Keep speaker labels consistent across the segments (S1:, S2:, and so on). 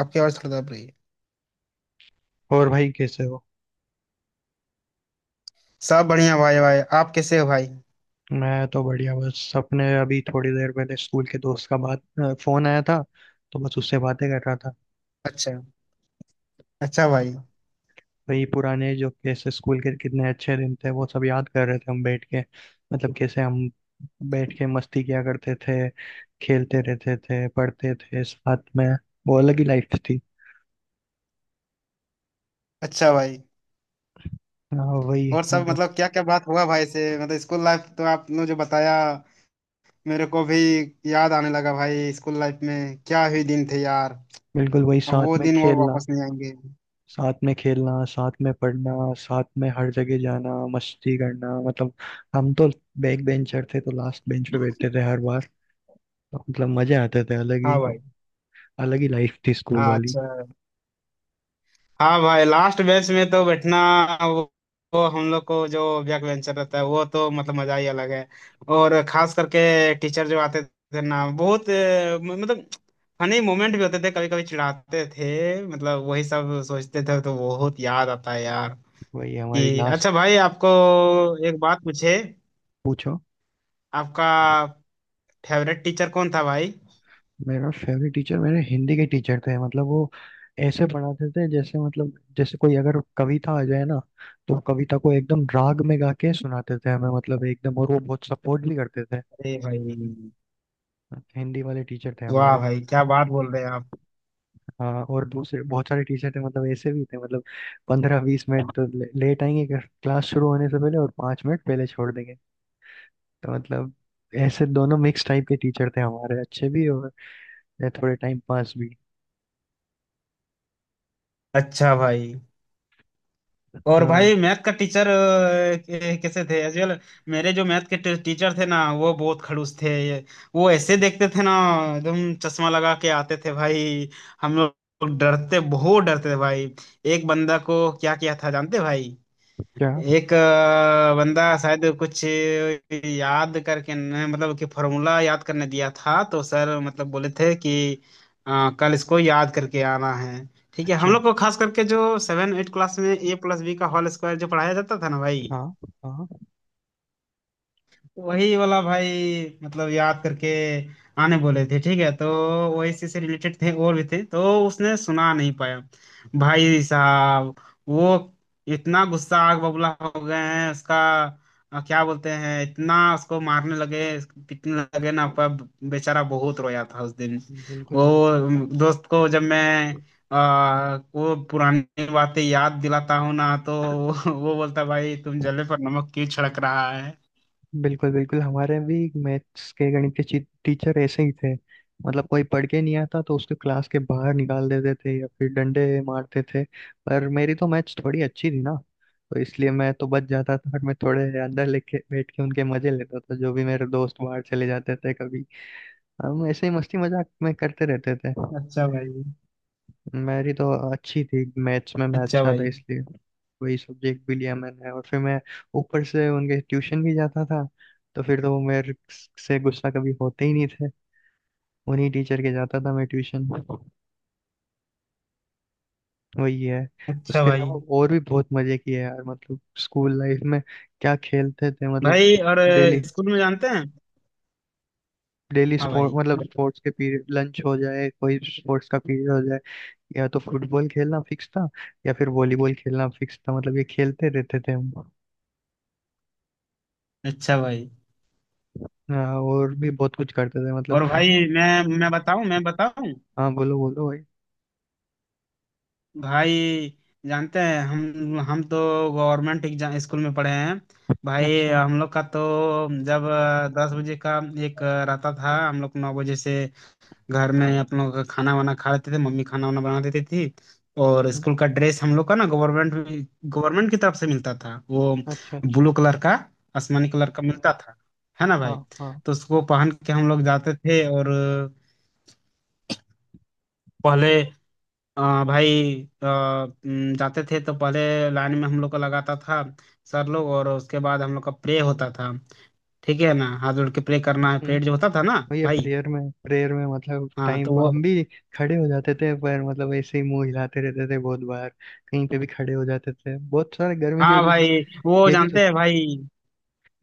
S1: आपकी आवाज थोड़ा दब रही है।
S2: और भाई कैसे हो?
S1: सब बढ़िया भाई भाई, आप कैसे हो भाई?
S2: मैं तो बढ़िया। बस अपने अभी थोड़ी देर पहले स्कूल के दोस्त का बात फोन आया था, तो बस उससे बातें कर रहा था।
S1: अच्छा। अच्छा भाई।
S2: वही पुराने, जो कैसे स्कूल के कितने अच्छे दिन थे वो सब याद कर रहे थे हम बैठ के। मतलब कैसे हम बैठ के मस्ती किया करते थे, खेलते रहते थे, पढ़ते थे साथ में। वो अलग ही लाइफ थी।
S1: अच्छा भाई।
S2: हाँ, वही
S1: और सब
S2: मतलब।
S1: मतलब क्या क्या बात हुआ भाई से? मतलब स्कूल लाइफ तो आपने जो बताया, मेरे को भी याद आने लगा भाई। स्कूल लाइफ में क्या ही दिन थे यार।
S2: बिल्कुल, वही
S1: अब
S2: साथ
S1: वो
S2: में
S1: दिन और
S2: खेलना,
S1: वापस नहीं आएंगे।
S2: साथ में पढ़ना, साथ में हर जगह जाना, मस्ती करना। मतलब हम तो बैक बेंचर थे, तो लास्ट बेंच पे बैठते थे हर बार। तो मतलब मजे आते थे अलग
S1: हाँ
S2: ही।
S1: भाई।
S2: अलग ही लाइफ थी स्कूल
S1: हाँ,
S2: वाली।
S1: अच्छा। हाँ भाई, लास्ट बेंच में तो बैठना, वो, वो हम लोग को जो बैक बेंचर रहता है वो तो मतलब मजा ही अलग है। और खास करके टीचर जो आते थे ना, बहुत मतलब फनी मोमेंट भी होते थे, कभी कभी चिढ़ाते थे, मतलब वही सब सोचते थे तो बहुत याद आता है यार।
S2: वही हमारी
S1: कि
S2: लास्ट।
S1: अच्छा भाई, आपको एक बात पूछे,
S2: पूछो।
S1: आपका फेवरेट टीचर कौन था भाई?
S2: मेरा फेवरेट टीचर, मेरे हिंदी के टीचर थे। मतलब वो ऐसे पढ़ाते थे, जैसे मतलब जैसे कोई अगर कविता आ जाए ना, तो कविता को एकदम राग में गा के सुनाते थे हमें, मतलब एकदम। और वो बहुत सपोर्ट भी करते थे।
S1: अरे भाई।
S2: हिंदी वाले टीचर थे
S1: वाह
S2: हमारे।
S1: भाई, क्या बात बोल रहे हैं आप।
S2: हाँ, और दूसरे बहुत सारे टीचर थे, मतलब ऐसे भी थे मतलब पंद्रह बीस मिनट तो लेट आएंगे क्लास शुरू होने से पहले, और पाँच मिनट पहले छोड़ देंगे। तो मतलब ऐसे दोनों मिक्स टाइप के टीचर थे हमारे, अच्छे भी और थोड़े टाइम पास भी।
S1: अच्छा भाई। और
S2: हाँ।
S1: भाई, मैथ का टीचर कैसे थे एजुअल? मेरे जो मैथ के टीचर थे ना, वो बहुत खड़ूस थे ये। वो ऐसे देखते थे ना, एकदम चश्मा लगा के आते थे भाई। हम लोग डरते, बहुत डरते थे भाई। एक बंदा को क्या किया था जानते भाई?
S2: क्या?
S1: एक बंदा शायद कुछ याद करके मतलब कि फॉर्मूला याद करने दिया था तो सर मतलब बोले थे कि अ, कल इसको याद करके आना है। ठीक है, हम
S2: अच्छा।
S1: लोग को खास करके जो 7 8 क्लास में A+B का होल स्क्वायर जो पढ़ाया जाता था ना भाई,
S2: हाँ। हाँ।
S1: वही वाला भाई, मतलब याद करके आने बोले थे। ठीक है, तो वही से रिलेटेड थे और भी थे तो उसने सुना नहीं पाया भाई साहब। वो इतना गुस्सा, आग बबूला हो गए हैं उसका, क्या बोलते हैं, इतना उसको मारने लगे, पीटने लगे ना, पर बेचारा बहुत रोया था उस दिन।
S2: बिल्कुल,
S1: वो
S2: बिल्कुल,
S1: दोस्त को जब मैं वो पुरानी बातें याद दिलाता हूँ ना तो वो बोलता, भाई तुम जले पर नमक क्यों छिड़क रहा है।
S2: बिल्कुल, बिल्कुल। हमारे भी मैथ्स के, गणित के टीचर ऐसे ही थे। मतलब कोई पढ़ के नहीं आता तो उसको क्लास के बाहर निकाल देते थे या फिर डंडे मारते थे। पर मेरी तो मैथ्स थोड़ी अच्छी थी ना, तो इसलिए मैं तो बच जाता था, और मैं थोड़े अंदर लेके बैठ के उनके मजे लेता था, जो भी मेरे दोस्त बाहर चले जाते थे कभी। हम ऐसे ही मस्ती मजाक में करते रहते थे।
S1: अच्छा भाई।
S2: मेरी तो अच्छी थी मैथ्स में, मैं
S1: अच्छा
S2: अच्छा था,
S1: भाई।
S2: इसलिए वही सब्जेक्ट भी लिया मैंने। और फिर मैं ऊपर से उनके ट्यूशन भी जाता था, तो फिर तो वो मेरे से गुस्सा कभी होते ही नहीं थे। उन्हीं टीचर के जाता था मैं ट्यूशन। वही है।
S1: अच्छा
S2: उसके
S1: भाई।
S2: अलावा और भी बहुत मजे किए यार, मतलब स्कूल लाइफ में। क्या खेलते थे मतलब,
S1: भाई, और
S2: डेली,
S1: स्कूल में जानते हैं?
S2: डेली
S1: हाँ
S2: स्पोर्ट।
S1: भाई।
S2: मतलब स्पोर्ट्स के पीरियड, लंच हो जाए, कोई स्पोर्ट्स का पीरियड हो जाए, या तो फुटबॉल खेलना फिक्स था, या फिर वॉलीबॉल खेलना फिक्स था। मतलब ये खेलते रहते थे हम।
S1: अच्छा भाई।
S2: हाँ, और भी बहुत कुछ करते थे मतलब।
S1: और भाई, मैं बताऊं, मैं बताऊं?
S2: हाँ, बोलो बोलो भाई।
S1: भाई जानते हैं, हम तो गवर्नमेंट एग्जाम स्कूल में पढ़े हैं भाई।
S2: अच्छा।
S1: हम लोग का तो जब 10 बजे का एक रहता था, हम लोग 9 बजे से घर में अपन लोग का खाना वाना खा लेते थे, मम्मी खाना वाना बना देती थी। और
S2: हम्म,
S1: स्कूल का ड्रेस हम लोग का ना, गवर्नमेंट गवर्नमेंट की तरफ से मिलता था, वो
S2: अच्छा, अच्छा।
S1: ब्लू कलर का, आसमानी कलर का मिलता था, है ना
S2: हाँ,
S1: भाई?
S2: हाँ।
S1: तो उसको पहन के हम लोग जाते थे, और पहले भाई जाते थे तो पहले लाइन में हम लोग को लगाता था सर लोग, और उसके बाद हम लोग का प्रे होता था। ठीक है ना, हाथ जोड़ के प्रे करना है,
S2: हम्म,
S1: प्रेयर जो होता था ना
S2: भैया,
S1: भाई।
S2: प्रेयर में मतलब
S1: हाँ
S2: टाइम
S1: तो
S2: पर
S1: वो।
S2: हम भी खड़े हो जाते थे, पर मतलब ऐसे ही मुंह हिलाते रहते थे बहुत बार। कहीं पे भी खड़े हो जाते थे बहुत सारे गर्मी की
S1: हाँ
S2: वजह से।
S1: भाई, वो
S2: ये भी तो
S1: जानते हैं भाई।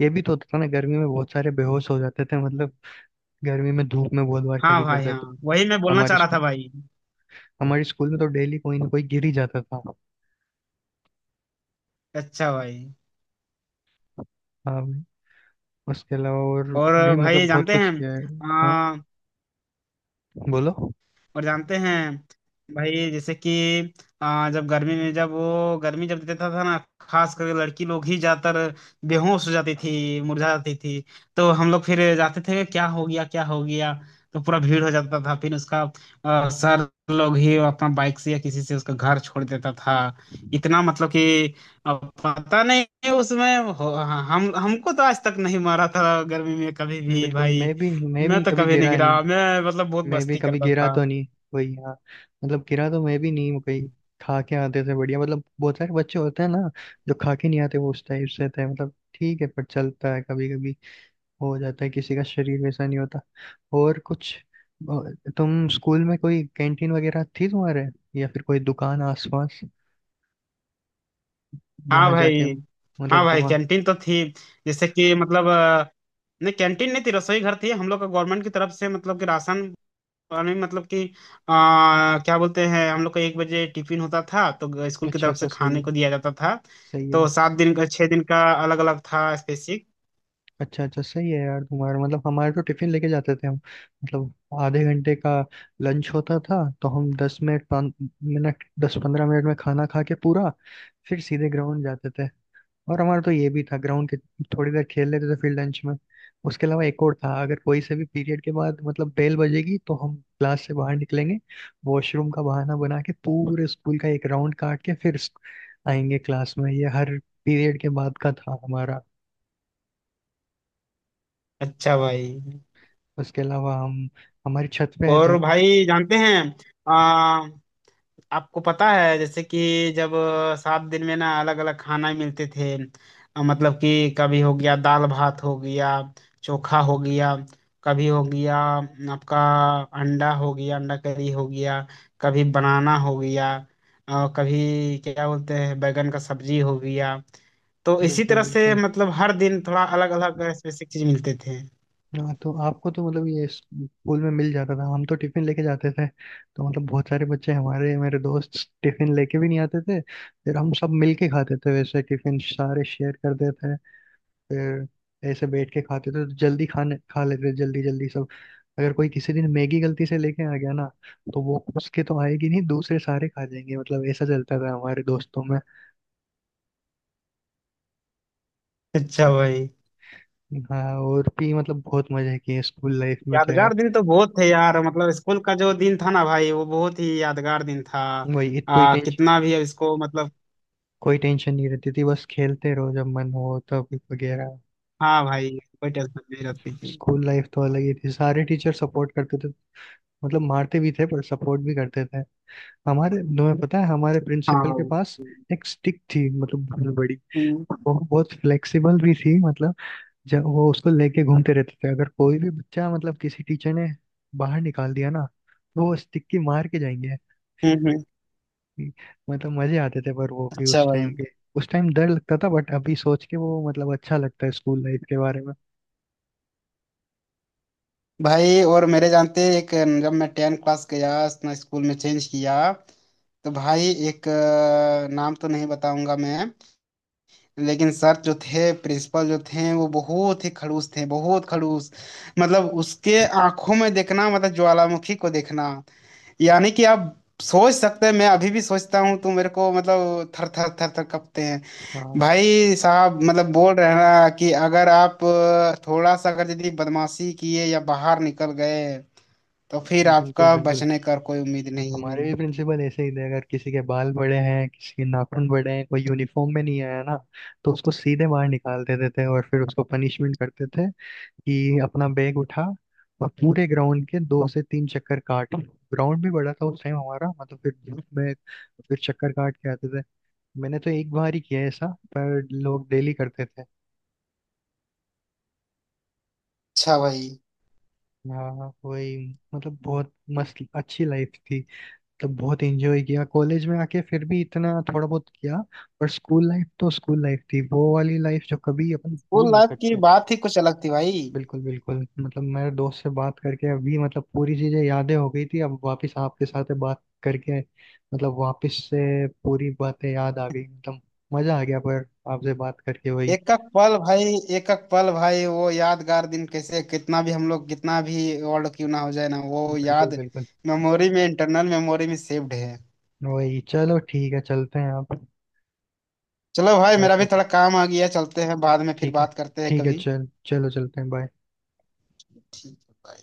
S2: ये भी तो होता था ना, गर्मी में बहुत सारे बेहोश हो जाते थे मतलब। गर्मी में धूप में बहुत बार
S1: हाँ
S2: खड़ी कर
S1: भाई। हाँ
S2: देते।
S1: वही मैं बोलना
S2: हमारे
S1: चाह रहा था
S2: स्कूल
S1: भाई।
S2: हमारे स्कूल में तो डेली कोई ना कोई गिर ही जाता था।
S1: अच्छा भाई।
S2: हाँ भाई, उसके अलावा और
S1: और
S2: भी
S1: भाई
S2: मतलब बहुत
S1: जानते
S2: कुछ
S1: हैं?
S2: किया है। हाँ, बोलो।
S1: और जानते हैं भाई, जैसे कि जब गर्मी में, जब वो गर्मी जब देता था ना, खास करके लड़की लोग ही ज्यादातर बेहोश हो जाती थी, मुरझा जाती थी। तो हम लोग फिर जाते थे, क्या हो गया क्या हो गया, तो पूरा भीड़ हो जाता था फिर उसका। सर लोग ही अपना बाइक से या किसी से उसका घर छोड़ देता था। इतना मतलब कि पता नहीं उसमें हाँ, हम हमको तो आज तक नहीं मारा था गर्मी में कभी भी
S2: बिल्कुल। मैं
S1: भाई।
S2: भी मैं
S1: मैं
S2: भी
S1: तो
S2: कभी
S1: कभी नहीं
S2: गिरा नहीं
S1: गिरा, मैं मतलब बहुत
S2: मैं भी
S1: मस्ती
S2: कभी
S1: करता
S2: गिरा
S1: था।
S2: तो नहीं। वही, हाँ। मतलब गिरा तो मैं भी नहीं हूँ कहीं। खा के आते थे बढ़िया, मतलब बहुत सारे बच्चे होते हैं ना जो खा के नहीं आते, वो उस टाइप से थे। मतलब ठीक है, पर चलता है कभी कभी, हो जाता है, किसी का शरीर वैसा नहीं होता। और कुछ तुम स्कूल में कोई कैंटीन वगैरह थी तुम्हारे, या फिर कोई दुकान आसपास
S1: हाँ
S2: जहाँ
S1: भाई।
S2: जाके
S1: हाँ
S2: मतलब
S1: भाई,
S2: जमा?
S1: कैंटीन तो थी। जैसे कि मतलब नहीं, कैंटीन नहीं थी, रसोई घर थी हम लोग का, गवर्नमेंट की तरफ से मतलब कि राशन पानी, मतलब कि क्या बोलते हैं, हम लोग का 1 बजे टिफिन होता था तो स्कूल की
S2: अच्छा,
S1: तरफ
S2: अच्छा,
S1: से
S2: सही
S1: खाने
S2: है,
S1: को दिया जाता था।
S2: सही
S1: तो
S2: है।
S1: सात दिन का, 6 दिन का अलग अलग था, स्पेसिफिक।
S2: अच्छा, अच्छा, सही है यार तुम्हारा। मतलब हमारे तो टिफिन लेके जाते थे हम। मतलब आधे घंटे का लंच होता था, तो हम दस मिनट, पाँच मिनट, दस पंद्रह मिनट में खाना खा के पूरा फिर सीधे ग्राउंड जाते थे। और हमारा तो ये भी था, ग्राउंड के थोड़ी देर खेल लेते थे फिर लंच में। उसके अलावा एक और था, अगर कोई से भी पीरियड के बाद, मतलब बेल बजेगी तो हम क्लास से बाहर निकलेंगे, वॉशरूम का बहाना बना के पूरे स्कूल का एक राउंड काट के फिर आएंगे क्लास में। ये हर पीरियड के बाद का था हमारा।
S1: अच्छा भाई।
S2: उसके अलावा हम, हमारी छत पे है
S1: और
S2: जा।
S1: भाई जानते हैं, आपको पता है जैसे कि जब 7 दिन में ना अलग अलग खाना मिलते थे। मतलब कि कभी हो गया दाल भात हो गया, चोखा हो गया, कभी हो गया आपका अंडा हो गया, अंडा करी हो गया, कभी बनाना हो गया, और कभी क्या बोलते हैं बैगन का सब्जी हो गया। तो इसी
S2: बिल्कुल,
S1: तरह से
S2: बिल्कुल।
S1: मतलब हर दिन थोड़ा अलग अलग स्पेसिफिक चीज मिलते थे।
S2: हाँ, तो आपको तो मतलब ये स्कूल में मिल जाता था, हम तो टिफिन लेके जाते थे। तो मतलब बहुत सारे बच्चे हमारे, मेरे दोस्त टिफिन लेके भी नहीं आते थे, फिर हम सब मिल के खाते थे। वैसे टिफिन सारे शेयर करते थे, फिर ऐसे बैठ के खाते थे तो जल्दी खाने खा लेते थे जल्दी जल्दी सब। अगर कोई किसी दिन मैगी गलती से लेके आ गया ना, तो वो उसके तो आएगी नहीं, दूसरे सारे खा जाएंगे। मतलब ऐसा चलता था हमारे दोस्तों में।
S1: अच्छा भाई।
S2: हाँ, और भी मतलब बहुत मजे किए स्कूल लाइफ में तो यार।
S1: यादगार दिन तो बहुत थे यार, मतलब स्कूल का जो दिन था ना भाई, वो बहुत ही यादगार दिन था।
S2: वही कोई टेंशन,
S1: कितना भी इसको, मतलब।
S2: कोई टेंशन नहीं रहती थी, बस खेलते रहो जब मन हो तब, वगैरह।
S1: हाँ भाई। कोई टेंशन नहीं रहती थी।
S2: स्कूल लाइफ तो अलग ही थी, सारे टीचर सपोर्ट करते थे। मतलब मारते भी थे, पर सपोर्ट भी करते थे। हमारे, तुम्हें पता है हमारे
S1: हाँ
S2: प्रिंसिपल के पास
S1: भाई।
S2: एक स्टिक थी, मतलब बहुत बड़ी।
S1: हम्म।
S2: वो बहुत फ्लेक्सिबल भी थी मतलब। जब वो उसको लेके घूमते रहते थे, अगर कोई भी बच्चा, मतलब किसी टीचर ने बाहर निकाल दिया ना, तो वो स्टिक की मार के जाएंगे।
S1: हम्म, हम्म।
S2: थी। मतलब मजे आते थे पर, वो भी
S1: अच्छा
S2: उस
S1: भाई।
S2: टाइम के। उस टाइम डर लगता था, बट अभी सोच के वो मतलब अच्छा लगता है स्कूल लाइफ के बारे में।
S1: भाई और मेरे जानते, एक जब मैं 10 क्लास गया, अपना स्कूल में चेंज किया, तो भाई एक नाम तो नहीं बताऊंगा मैं, लेकिन सर जो थे, प्रिंसिपल जो थे, वो बहुत ही खड़ूस थे, बहुत खड़ूस। मतलब उसके आंखों में देखना मतलब ज्वालामुखी को देखना, यानी कि आप सोच सकते हैं। मैं अभी भी सोचता हूँ तो मेरे को मतलब थर थर थर थर कपते हैं
S2: हाँ,
S1: भाई साहब। मतलब बोल रहे हैं ना कि अगर आप थोड़ा सा अगर यदि बदमाशी किए या बाहर निकल गए तो फिर
S2: बिल्कुल,
S1: आपका
S2: बिल्कुल।
S1: बचने का कोई उम्मीद नहीं है।
S2: हमारे भी प्रिंसिपल ऐसे ही थे। अगर किसी के बाल बड़े हैं, किसी के नाखून बड़े हैं, कोई यूनिफॉर्म में नहीं आया ना, तो उसको सीधे बाहर निकाल देते थे, और फिर उसको पनिशमेंट करते थे कि अपना बैग उठा और पूरे ग्राउंड के दो से तीन चक्कर काट। ग्राउंड भी बड़ा था उस टाइम हमारा, मतलब फिर धूप में फिर चक्कर काट के आते थे। मैंने तो एक बार ही किया है ऐसा, पर लोग डेली करते थे।
S1: अच्छा भाई।
S2: हाँ, वही। मतलब बहुत मस्त अच्छी लाइफ थी, तो बहुत एंजॉय किया। कॉलेज में आके फिर भी इतना थोड़ा बहुत किया, पर स्कूल लाइफ तो स्कूल लाइफ थी। वो वाली लाइफ जो कभी अपन भूल
S1: स्कूल
S2: नहीं
S1: लाइफ की
S2: सकते।
S1: बात ही कुछ अलग थी भाई।
S2: बिल्कुल, बिल्कुल। मतलब मेरे दोस्त से बात करके अभी मतलब पूरी चीजें, यादें हो गई थी, अब वापस आपके साथ बात करके मतलब वापस से पूरी बातें याद आ गई। मतलब मजा आ गया पर आपसे बात करके, वही।
S1: एक एक पल भाई, एक एक पल भाई, वो यादगार दिन कैसे, कितना भी हम लोग कितना भी वर्ल्ड क्यों ना हो जाए ना, वो
S2: बिल्कुल,
S1: याद
S2: बिल्कुल।
S1: मेमोरी में, इंटरनल मेमोरी में सेव्ड है।
S2: वही, चलो ठीक है, चलते हैं आप।
S1: चलो भाई,
S2: मेरे
S1: मेरा भी
S2: को
S1: थोड़ा काम आ गया, चलते हैं, बाद में फिर
S2: ठीक है,
S1: बात करते हैं
S2: ठीक है,
S1: कभी।
S2: चल चलो चलते हैं, बाय।
S1: ठीक है bye।